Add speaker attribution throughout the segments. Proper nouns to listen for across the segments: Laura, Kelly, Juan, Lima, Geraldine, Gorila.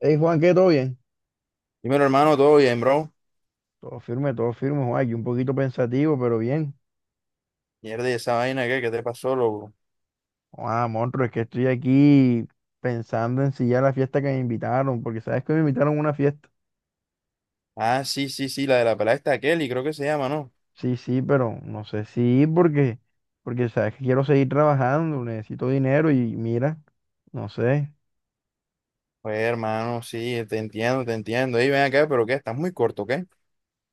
Speaker 1: Hey Juan, ¿qué? ¿Todo bien?
Speaker 2: Dímelo, hermano, todo bien, bro.
Speaker 1: Todo firme, Juan. Aquí un poquito pensativo, pero bien.
Speaker 2: Mierda, ¿y esa vaina qué? ¿Qué te pasó, loco?
Speaker 1: Ah, monstruo, es que estoy aquí pensando en si ya la fiesta que me invitaron, porque sabes que me invitaron a una fiesta.
Speaker 2: Ah, sí, sí, sí, la de la pelada está Kelly, creo que se llama, ¿no?
Speaker 1: Sí, sí, pero no sé si ir porque, porque sabes que quiero seguir trabajando, necesito dinero y mira, no sé.
Speaker 2: Pues, hermano, sí, te entiendo, te entiendo. Ey, ven acá, pero ¿qué? Estás muy corto, ¿qué?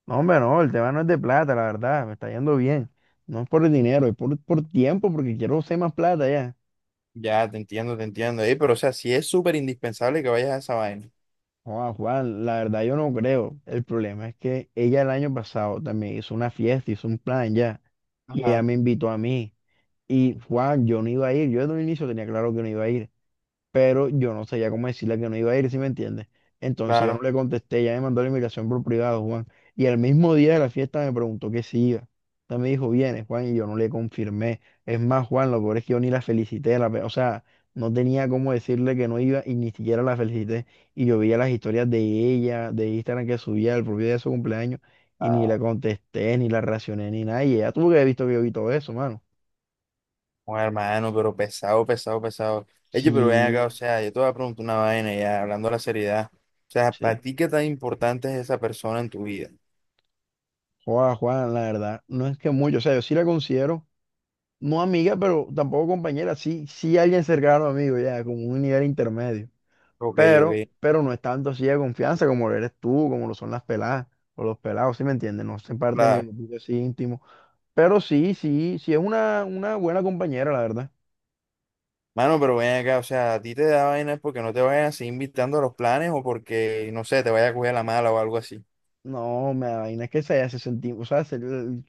Speaker 1: No, hombre, no, el tema no es de plata, la verdad, me está yendo bien. No es por el dinero, es por tiempo, porque quiero hacer más plata ya.
Speaker 2: Ya, te entiendo, te entiendo. Ey, pero, o sea, sí es súper indispensable que vayas a esa vaina.
Speaker 1: Juan, la verdad yo no creo. El problema es que ella el año pasado también hizo una fiesta, hizo un plan ya, y ella
Speaker 2: Ajá,
Speaker 1: me invitó a mí. Y Juan, yo no iba a ir, yo desde un inicio tenía claro que no iba a ir pero yo no sabía cómo decirle que no iba a ir, ¿sí me entiendes? Entonces yo no
Speaker 2: claro.
Speaker 1: le contesté, ya me mandó la invitación por privado, Juan. Y al mismo día de la fiesta me preguntó que si iba. Entonces me dijo, vienes, Juan, y yo no le confirmé. Es más, Juan, lo peor es que yo ni la felicité, o sea, no tenía cómo decirle que no iba y ni siquiera la felicité. Y yo veía las historias de ella, de Instagram que subía el propio día de su cumpleaños, y ni la contesté, ni la reaccioné, ni nada. Y ella tuvo que haber visto que yo vi todo eso, mano.
Speaker 2: Bueno, hermano, pero pesado, pesado, pesado. Ey, pero ven acá, o
Speaker 1: Sí,
Speaker 2: sea, yo te voy a preguntar una vaina ya, hablando de la seriedad. O sea, ¿para
Speaker 1: sí.
Speaker 2: ti qué tan importante es esa persona en tu vida?
Speaker 1: Juan, la verdad, no es que mucho, o sea, yo sí la considero, no amiga, pero tampoco compañera, sí, sí alguien cercano amigo, ya, como un nivel intermedio,
Speaker 2: Ok,
Speaker 1: pero,
Speaker 2: ok,
Speaker 1: pero no es tanto así de confianza como lo eres tú, como lo son las peladas, o los pelados, ¿sí me entiendes? No se parte de mi
Speaker 2: claro.
Speaker 1: grupo así íntimo, pero sí, sí, sí es una buena compañera, la verdad.
Speaker 2: Mano, pero ven acá, o sea, a ti te da vaina es porque no te vayan así invitando a los planes o porque, no sé, te vaya a coger la mala o algo así.
Speaker 1: No, me da vaina que se haya se senti- o sea, se,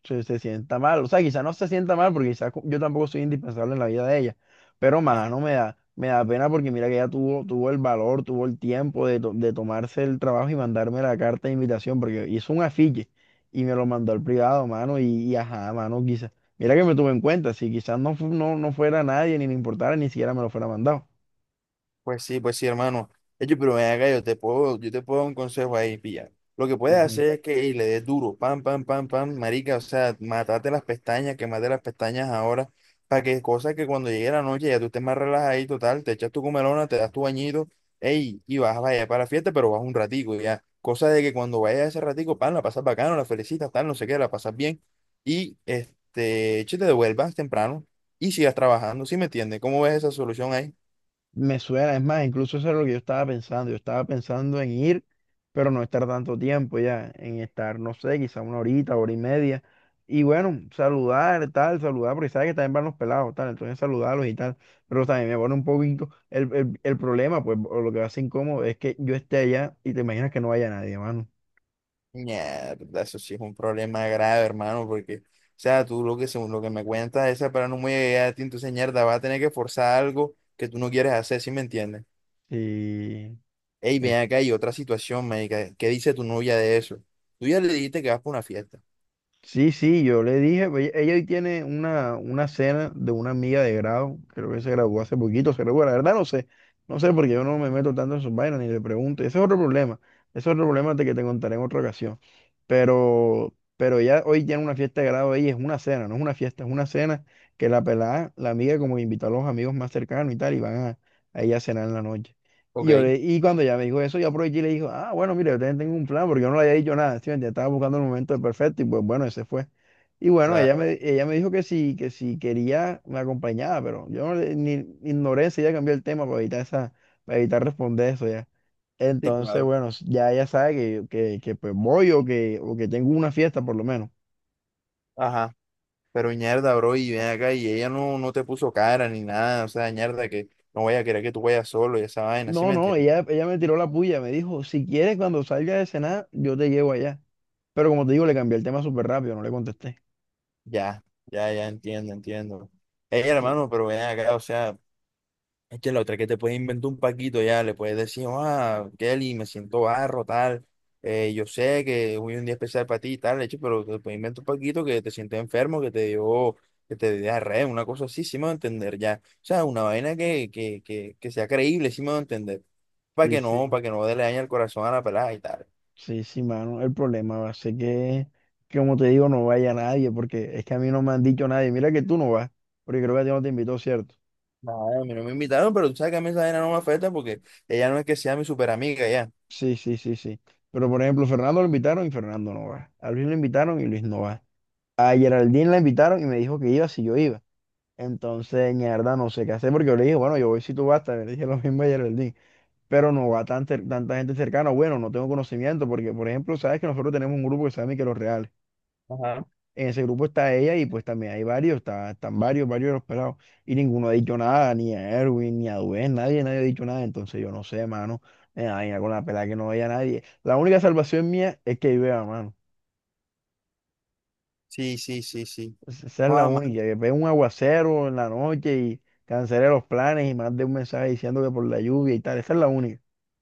Speaker 1: se- se sienta mal. O sea, quizá no se sienta mal porque quizá yo tampoco soy indispensable en la vida de ella. Pero
Speaker 2: Ah.
Speaker 1: más, no me da, me da pena porque mira que ella tuvo, tuvo el valor, tuvo el tiempo de tomarse el trabajo y mandarme la carta de invitación porque hizo un afiche y me lo mandó al privado, mano, y ajá, mano, quizá. Mira que me tuve en cuenta, si quizás no, no, no fuera nadie, ni le importara, ni siquiera me lo fuera mandado.
Speaker 2: Pues sí, hermano. Oye, pero ven acá, yo te puedo dar un consejo ahí, pilla. Lo que puedes hacer es que ey, le des duro, pam, pam, pam, pam, marica, o sea, matate las pestañas, quemate las pestañas ahora, para que cosas que cuando llegue la noche ya tú estés más relajado total, te echas tu comelona, te das tu bañito, ey, y vas vaya para la fiesta, pero vas un ratico, ya. Cosa de que cuando vayas ese ratico, pam, la pasas bacano, la felicitas, tal, no sé qué, la pasas bien, y este, che, te devuelvas temprano y sigas trabajando, ¿sí me entiendes? ¿Cómo ves esa solución ahí?
Speaker 1: Me suena, es más, incluso eso es lo que yo estaba pensando. Yo estaba pensando en ir, pero no estar tanto tiempo ya, en estar, no sé, quizá una horita, hora y media. Y bueno, saludar, tal, saludar, porque sabes que también van los pelados, tal, entonces saludarlos y tal. Pero también me pone un poquito el problema, pues, o lo que va a ser incómodo es que yo esté allá y te imaginas que no vaya nadie, mano.
Speaker 2: Mierda, eso sí es un problema grave, hermano, porque, o sea, tú lo que, según lo que me cuentas, esa para no muy allá de ti, entonces, mierda, vas a tener que forzar algo que tú no quieres hacer, ¿sí me entiendes?
Speaker 1: Y
Speaker 2: Ey, ven
Speaker 1: es
Speaker 2: acá, hay otra situación, médica, ¿qué dice tu novia de eso? Tú ya le dijiste que vas para una fiesta.
Speaker 1: sí, sí, yo le dije, pues, ella hoy tiene una cena de una amiga de grado, creo que se graduó hace poquito, se graduó, la verdad no sé, no sé porque yo no me meto tanto en sus vainas ni le pregunto, ese es otro problema, ese es otro problema de que te contaré en otra ocasión pero ya hoy tiene una fiesta de grado ella, es una cena, no es una fiesta, es una cena que la pelada, la amiga, como invitó a los amigos más cercanos y tal, y van a ella a cenar en la noche. Y,
Speaker 2: Ok,
Speaker 1: y cuando ella me dijo eso, yo aproveché y le dijo, ah, bueno, mire, yo también tengo un plan, porque yo no le había dicho nada, ¿sí me entiendes? Estaba buscando el momento perfecto y pues bueno, ese fue. Y bueno,
Speaker 2: claro.
Speaker 1: ella me dijo que si quería, me acompañaba, pero yo no le- ni, ignoré, enseguida cambié el tema para evitar esa, para evitar responder eso ya.
Speaker 2: Sí,
Speaker 1: Entonces,
Speaker 2: claro.
Speaker 1: bueno, ya ella sabe que, pues voy o que tengo una fiesta por lo menos.
Speaker 2: Ajá, pero mierda, bro, y ven acá, y ella no, no te puso cara ni nada, o sea, mierda, que no vaya a querer que tú vayas solo y esa vaina, ¿sí
Speaker 1: No,
Speaker 2: me
Speaker 1: no,
Speaker 2: entiendes?
Speaker 1: ella me tiró la puya, me dijo, si quieres cuando salga de cenar, yo te llevo allá. Pero como te digo, le cambié el tema súper rápido, no le contesté.
Speaker 2: Ya, ya, ya, entiendo, entiendo. Ey, hermano,
Speaker 1: Sí,
Speaker 2: pero ven acá, o sea. Es que la otra es que te puedes inventar un paquito ya, le puedes decir, "Oh, ah, Kelly, me siento barro, tal, yo sé que hoy es un día especial para ti, tal, hecho, pero te puedes inventar un paquito que te sientes enfermo, que te dio diarrea, una cosa así, sí me va a entender ya. O sea, una vaina que sea creíble, sí me va a entender. Para
Speaker 1: sí,
Speaker 2: que no,
Speaker 1: sí,
Speaker 2: para que no le dañe el corazón a la pelada y tal.
Speaker 1: sí, sí, mano, el problema va a ser que, como te digo, no vaya nadie, porque es que a mí no me han dicho nadie, mira que tú no vas, porque creo que a ti no te invitó, ¿cierto?
Speaker 2: Nada, a mí no me invitaron, pero tú sabes que a mí esa vaina no me afecta porque ella no es que sea mi super amiga ya.
Speaker 1: Sí, sí, sí, sí. Pero por ejemplo, Fernando lo invitaron y Fernando no va. A Luis lo invitaron y Luis no va. A Geraldine la invitaron y me dijo que iba si yo iba. Entonces, mierda, no sé qué hacer porque yo le dije, bueno, yo voy si tú vas, también le dije lo mismo a Geraldine, pero no va tanta gente cercana, bueno, no tengo conocimiento porque, por ejemplo, sabes que nosotros tenemos un grupo que se llama los Reales.
Speaker 2: Ajá.
Speaker 1: En ese grupo está ella y pues también hay varios, están varios, varios de los pelados y ninguno ha dicho nada, ni a Erwin, ni a Duen, nadie, nadie ha dicho nada, entonces yo no sé, mano, me da vaina con la pelada que no vea a nadie. La única salvación mía es que yo vea, mano.
Speaker 2: Sí, sí, sí, sí.
Speaker 1: Pues, esa es la única, que pegue un aguacero en la noche y cancele los planes y mande un mensaje diciendo que por la lluvia y tal. Esa es la única.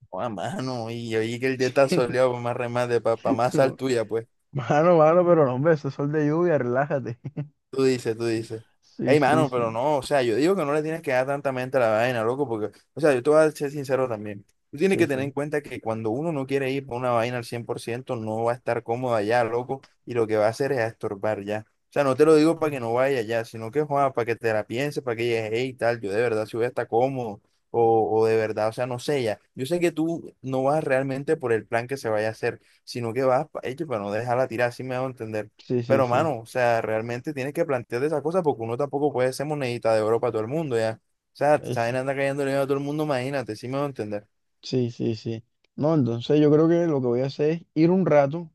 Speaker 2: Oh, a mano, y oí que el día está soleado, pues, más remate, para más sal
Speaker 1: No.
Speaker 2: tuya, pues.
Speaker 1: Mano, mano, pero no, hombre, eso es sol de lluvia, relájate.
Speaker 2: Tú dices, tú dices.
Speaker 1: Sí,
Speaker 2: Ey,
Speaker 1: sí,
Speaker 2: mano, pero
Speaker 1: sí.
Speaker 2: no, o sea, yo digo que no le tienes que dar tanta mente a la vaina, loco, porque, o sea, yo te voy a ser sincero también. Tú tienes
Speaker 1: Sí,
Speaker 2: que tener en
Speaker 1: sí.
Speaker 2: cuenta que cuando uno no quiere ir por una vaina al 100% no va a estar cómodo allá, loco, y lo que va a hacer es a estorbar ya. O sea, no te lo digo para que no vaya allá, sino que, joda, para que te la pienses, para que digas hey, tal, yo de verdad si voy a estar cómodo, o de verdad, o sea, no sé ya. Yo sé que tú no vas realmente por el plan que se vaya a hacer, sino que vas, pa- hecho, para no dejarla tirar, así me a entender.
Speaker 1: Sí, sí,
Speaker 2: Pero,
Speaker 1: sí.
Speaker 2: mano, o sea, realmente tienes que plantearte esa cosa porque uno tampoco puede ser monedita de oro para todo el mundo, ¿ya? O sea,
Speaker 1: Es-
Speaker 2: saben, anda cayendo dinero a todo el mundo, imagínate, sí me voy a entender.
Speaker 1: sí, sí, sí. No, entonces yo creo que lo que voy a hacer es ir un rato,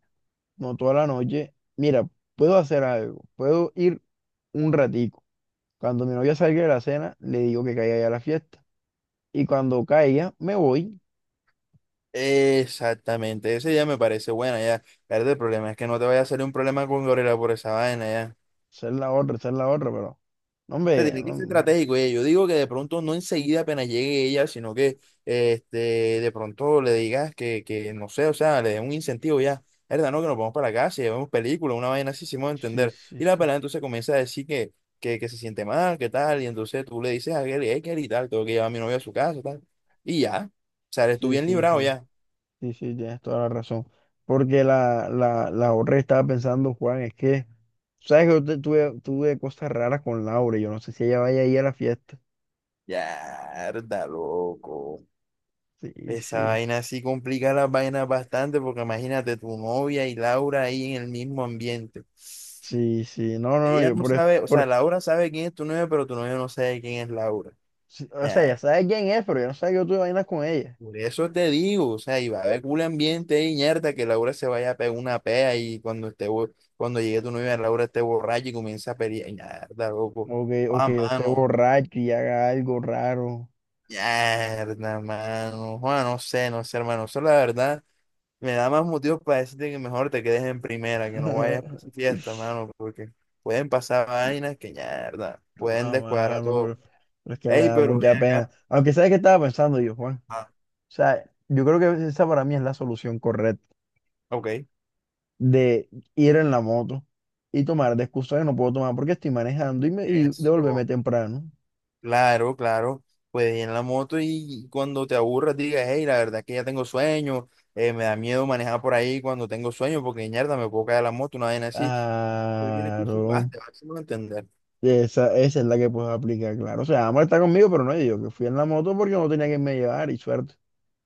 Speaker 1: no toda la noche. Mira, puedo hacer algo. Puedo ir un ratico. Cuando mi novia salga de la cena, le digo que caiga ya a la fiesta. Y cuando caiga, me voy.
Speaker 2: Exactamente, esa ya me parece buena, ya. Claro, el problema es que no te vaya a salir un problema con Gorila por esa vaina, ya.
Speaker 1: Esa es la otra, esa es la otra, pero. No,
Speaker 2: sea,
Speaker 1: hombre,
Speaker 2: tiene que ser
Speaker 1: no,
Speaker 2: estratégico, Yo digo que de pronto no enseguida apenas llegue ella, sino que este, de pronto le digas que no sé, o sea, le dé un incentivo ya. ¿Verdad? No, que nos vamos para la casa y vemos películas, una vaina así, si me voy a
Speaker 1: sí,
Speaker 2: entender.
Speaker 1: sí,
Speaker 2: Y la
Speaker 1: sí.
Speaker 2: pelada entonces comienza a decir que se siente mal, que tal, y entonces tú le dices a Kelly, hey, Kelly, tal, tengo que llevar a mi novia a su casa, tal. Y ya, o sea, eres tú
Speaker 1: Sí,
Speaker 2: bien
Speaker 1: sí,
Speaker 2: librado
Speaker 1: sí.
Speaker 2: ya.
Speaker 1: Sí, sí, tienes toda la razón. Porque la otra que estaba pensando, Juan, es que, ¿sabes que tuve, tuve cosas raras con Laura? Y yo no sé si ella vaya a ir a la fiesta.
Speaker 2: Ya, loco.
Speaker 1: Sí,
Speaker 2: Esa
Speaker 1: sí.
Speaker 2: vaina sí complica las vainas bastante porque imagínate tu novia y Laura ahí en el mismo ambiente.
Speaker 1: Sí, sí. No, no, no,
Speaker 2: Ella
Speaker 1: yo
Speaker 2: no
Speaker 1: por,
Speaker 2: sabe, o sea,
Speaker 1: por
Speaker 2: Laura sabe quién es tu novia, pero tu novia no sabe quién es Laura.
Speaker 1: sí, o sea,
Speaker 2: Ya,
Speaker 1: ya sabes quién es, pero yo no sé que yo tuve vainas con ella.
Speaker 2: por eso te digo, o sea, y va a haber culo ambiente y ñerda que Laura se vaya a pegar una pea y cuando esté, bo- cuando llegue tu novia, Laura esté borracha y comienza a pelear. Ñerda, loco.
Speaker 1: O
Speaker 2: Ah,
Speaker 1: que yo esté
Speaker 2: mano.
Speaker 1: borracho y haga algo raro.
Speaker 2: Ñerda, mano. Juan, no sé, no sé, hermano. Eso la verdad. Me da más motivos para decirte que mejor te quedes en primera, que no vayas por esa fiesta, mano, porque pueden pasar vainas que ya, ¿verdad? Pueden
Speaker 1: Ah,
Speaker 2: descuadrar
Speaker 1: mano,
Speaker 2: todo.
Speaker 1: pero es que me
Speaker 2: Ey,
Speaker 1: da
Speaker 2: pero
Speaker 1: mucha
Speaker 2: ven
Speaker 1: pena.
Speaker 2: acá.
Speaker 1: Aunque sabes que estaba pensando yo, Juan.
Speaker 2: Ah,
Speaker 1: O sea, yo creo que esa para mí es la solución correcta
Speaker 2: ok.
Speaker 1: de ir en la moto y tomar de excusa que no puedo tomar porque estoy manejando y, me, y
Speaker 2: Eso.
Speaker 1: devolverme temprano.
Speaker 2: Claro, claro. Puedes ir en la moto y cuando te aburras digas, hey, la verdad es que ya tengo sueño, me da miedo manejar por ahí cuando tengo sueño, porque mierda, me puedo caer de la moto, una vaina así. Porque el curso
Speaker 1: Claro.
Speaker 2: jugaste, vas a entender.
Speaker 1: Esa es la que puedo aplicar, claro. O sea, Amor está conmigo, pero no yo, que fui en la moto porque no tenía que me llevar y suerte.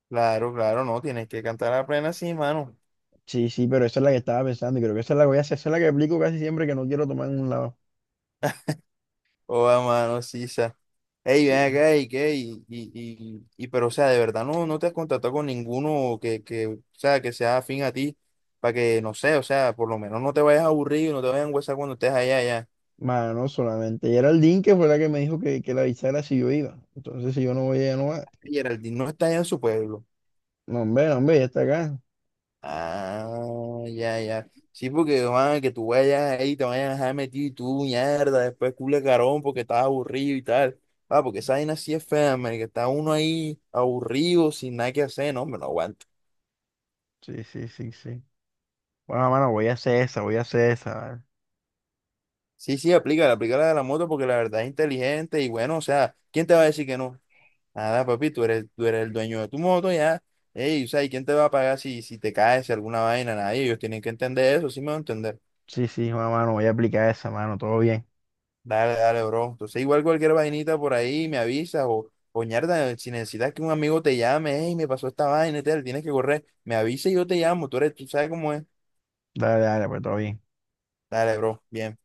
Speaker 2: Claro, claro, no, tienes que cantar a plena, sí, mano.
Speaker 1: Sí, sí, pero esa es la que estaba pensando y creo que esa es la que voy a hacer. Esa es la que aplico casi siempre que no quiero tomar en un lado.
Speaker 2: Oh, mano, sí. Ey, ven
Speaker 1: Sí.
Speaker 2: acá, y qué, y pero o sea, de verdad no, no te has contactado con ninguno que, o sea, que sea afín a ti, para que, no sé, o sea, por lo menos no te vayas a aburrir, y no te vayas a huesar cuando estés allá, allá.
Speaker 1: Mano, solamente Geraldine, que fue la que me dijo que la avisara si yo iba. Entonces, si yo no voy, ella no va.
Speaker 2: Y Geraldine no está allá en su pueblo.
Speaker 1: No, hombre, no, hombre, ya está acá.
Speaker 2: Ah, ya, ya. Sí, porque, man, que tú vayas ahí, te vayas a dejar metido y tú, mierda, después cule carón porque estás aburrido y tal. Ah, porque esa vaina sí es fea, man, que está uno ahí aburrido, sin nada que hacer, no, me no aguanta.
Speaker 1: Sí, sí, sí, sí. Bueno, mano, voy a hacer esa, voy a hacer esa. ¿Vale?
Speaker 2: Sí, sí, aplícala, aplícala de la moto porque la verdad es inteligente y bueno, o sea, ¿quién te va a decir que no? Nada, papi, tú eres el dueño de tu moto ya. Ey, o sea, ¿y quién te va a pagar si, si te caes, si alguna vaina? Nadie, ellos tienen que entender eso, sí me van a entender.
Speaker 1: Sí, sí, bueno, mano, voy a aplicar esa, mano, todo bien.
Speaker 2: Dale, dale, bro. Entonces, igual cualquier vainita por ahí me avisas o ñerda, si necesitas que un amigo te llame, ey, me pasó esta vaina y tal, tienes que correr, me avisa y yo te llamo, tú eres, tú sabes cómo es.
Speaker 1: Dale, dale, pues todo bien.
Speaker 2: Dale, bro, bien.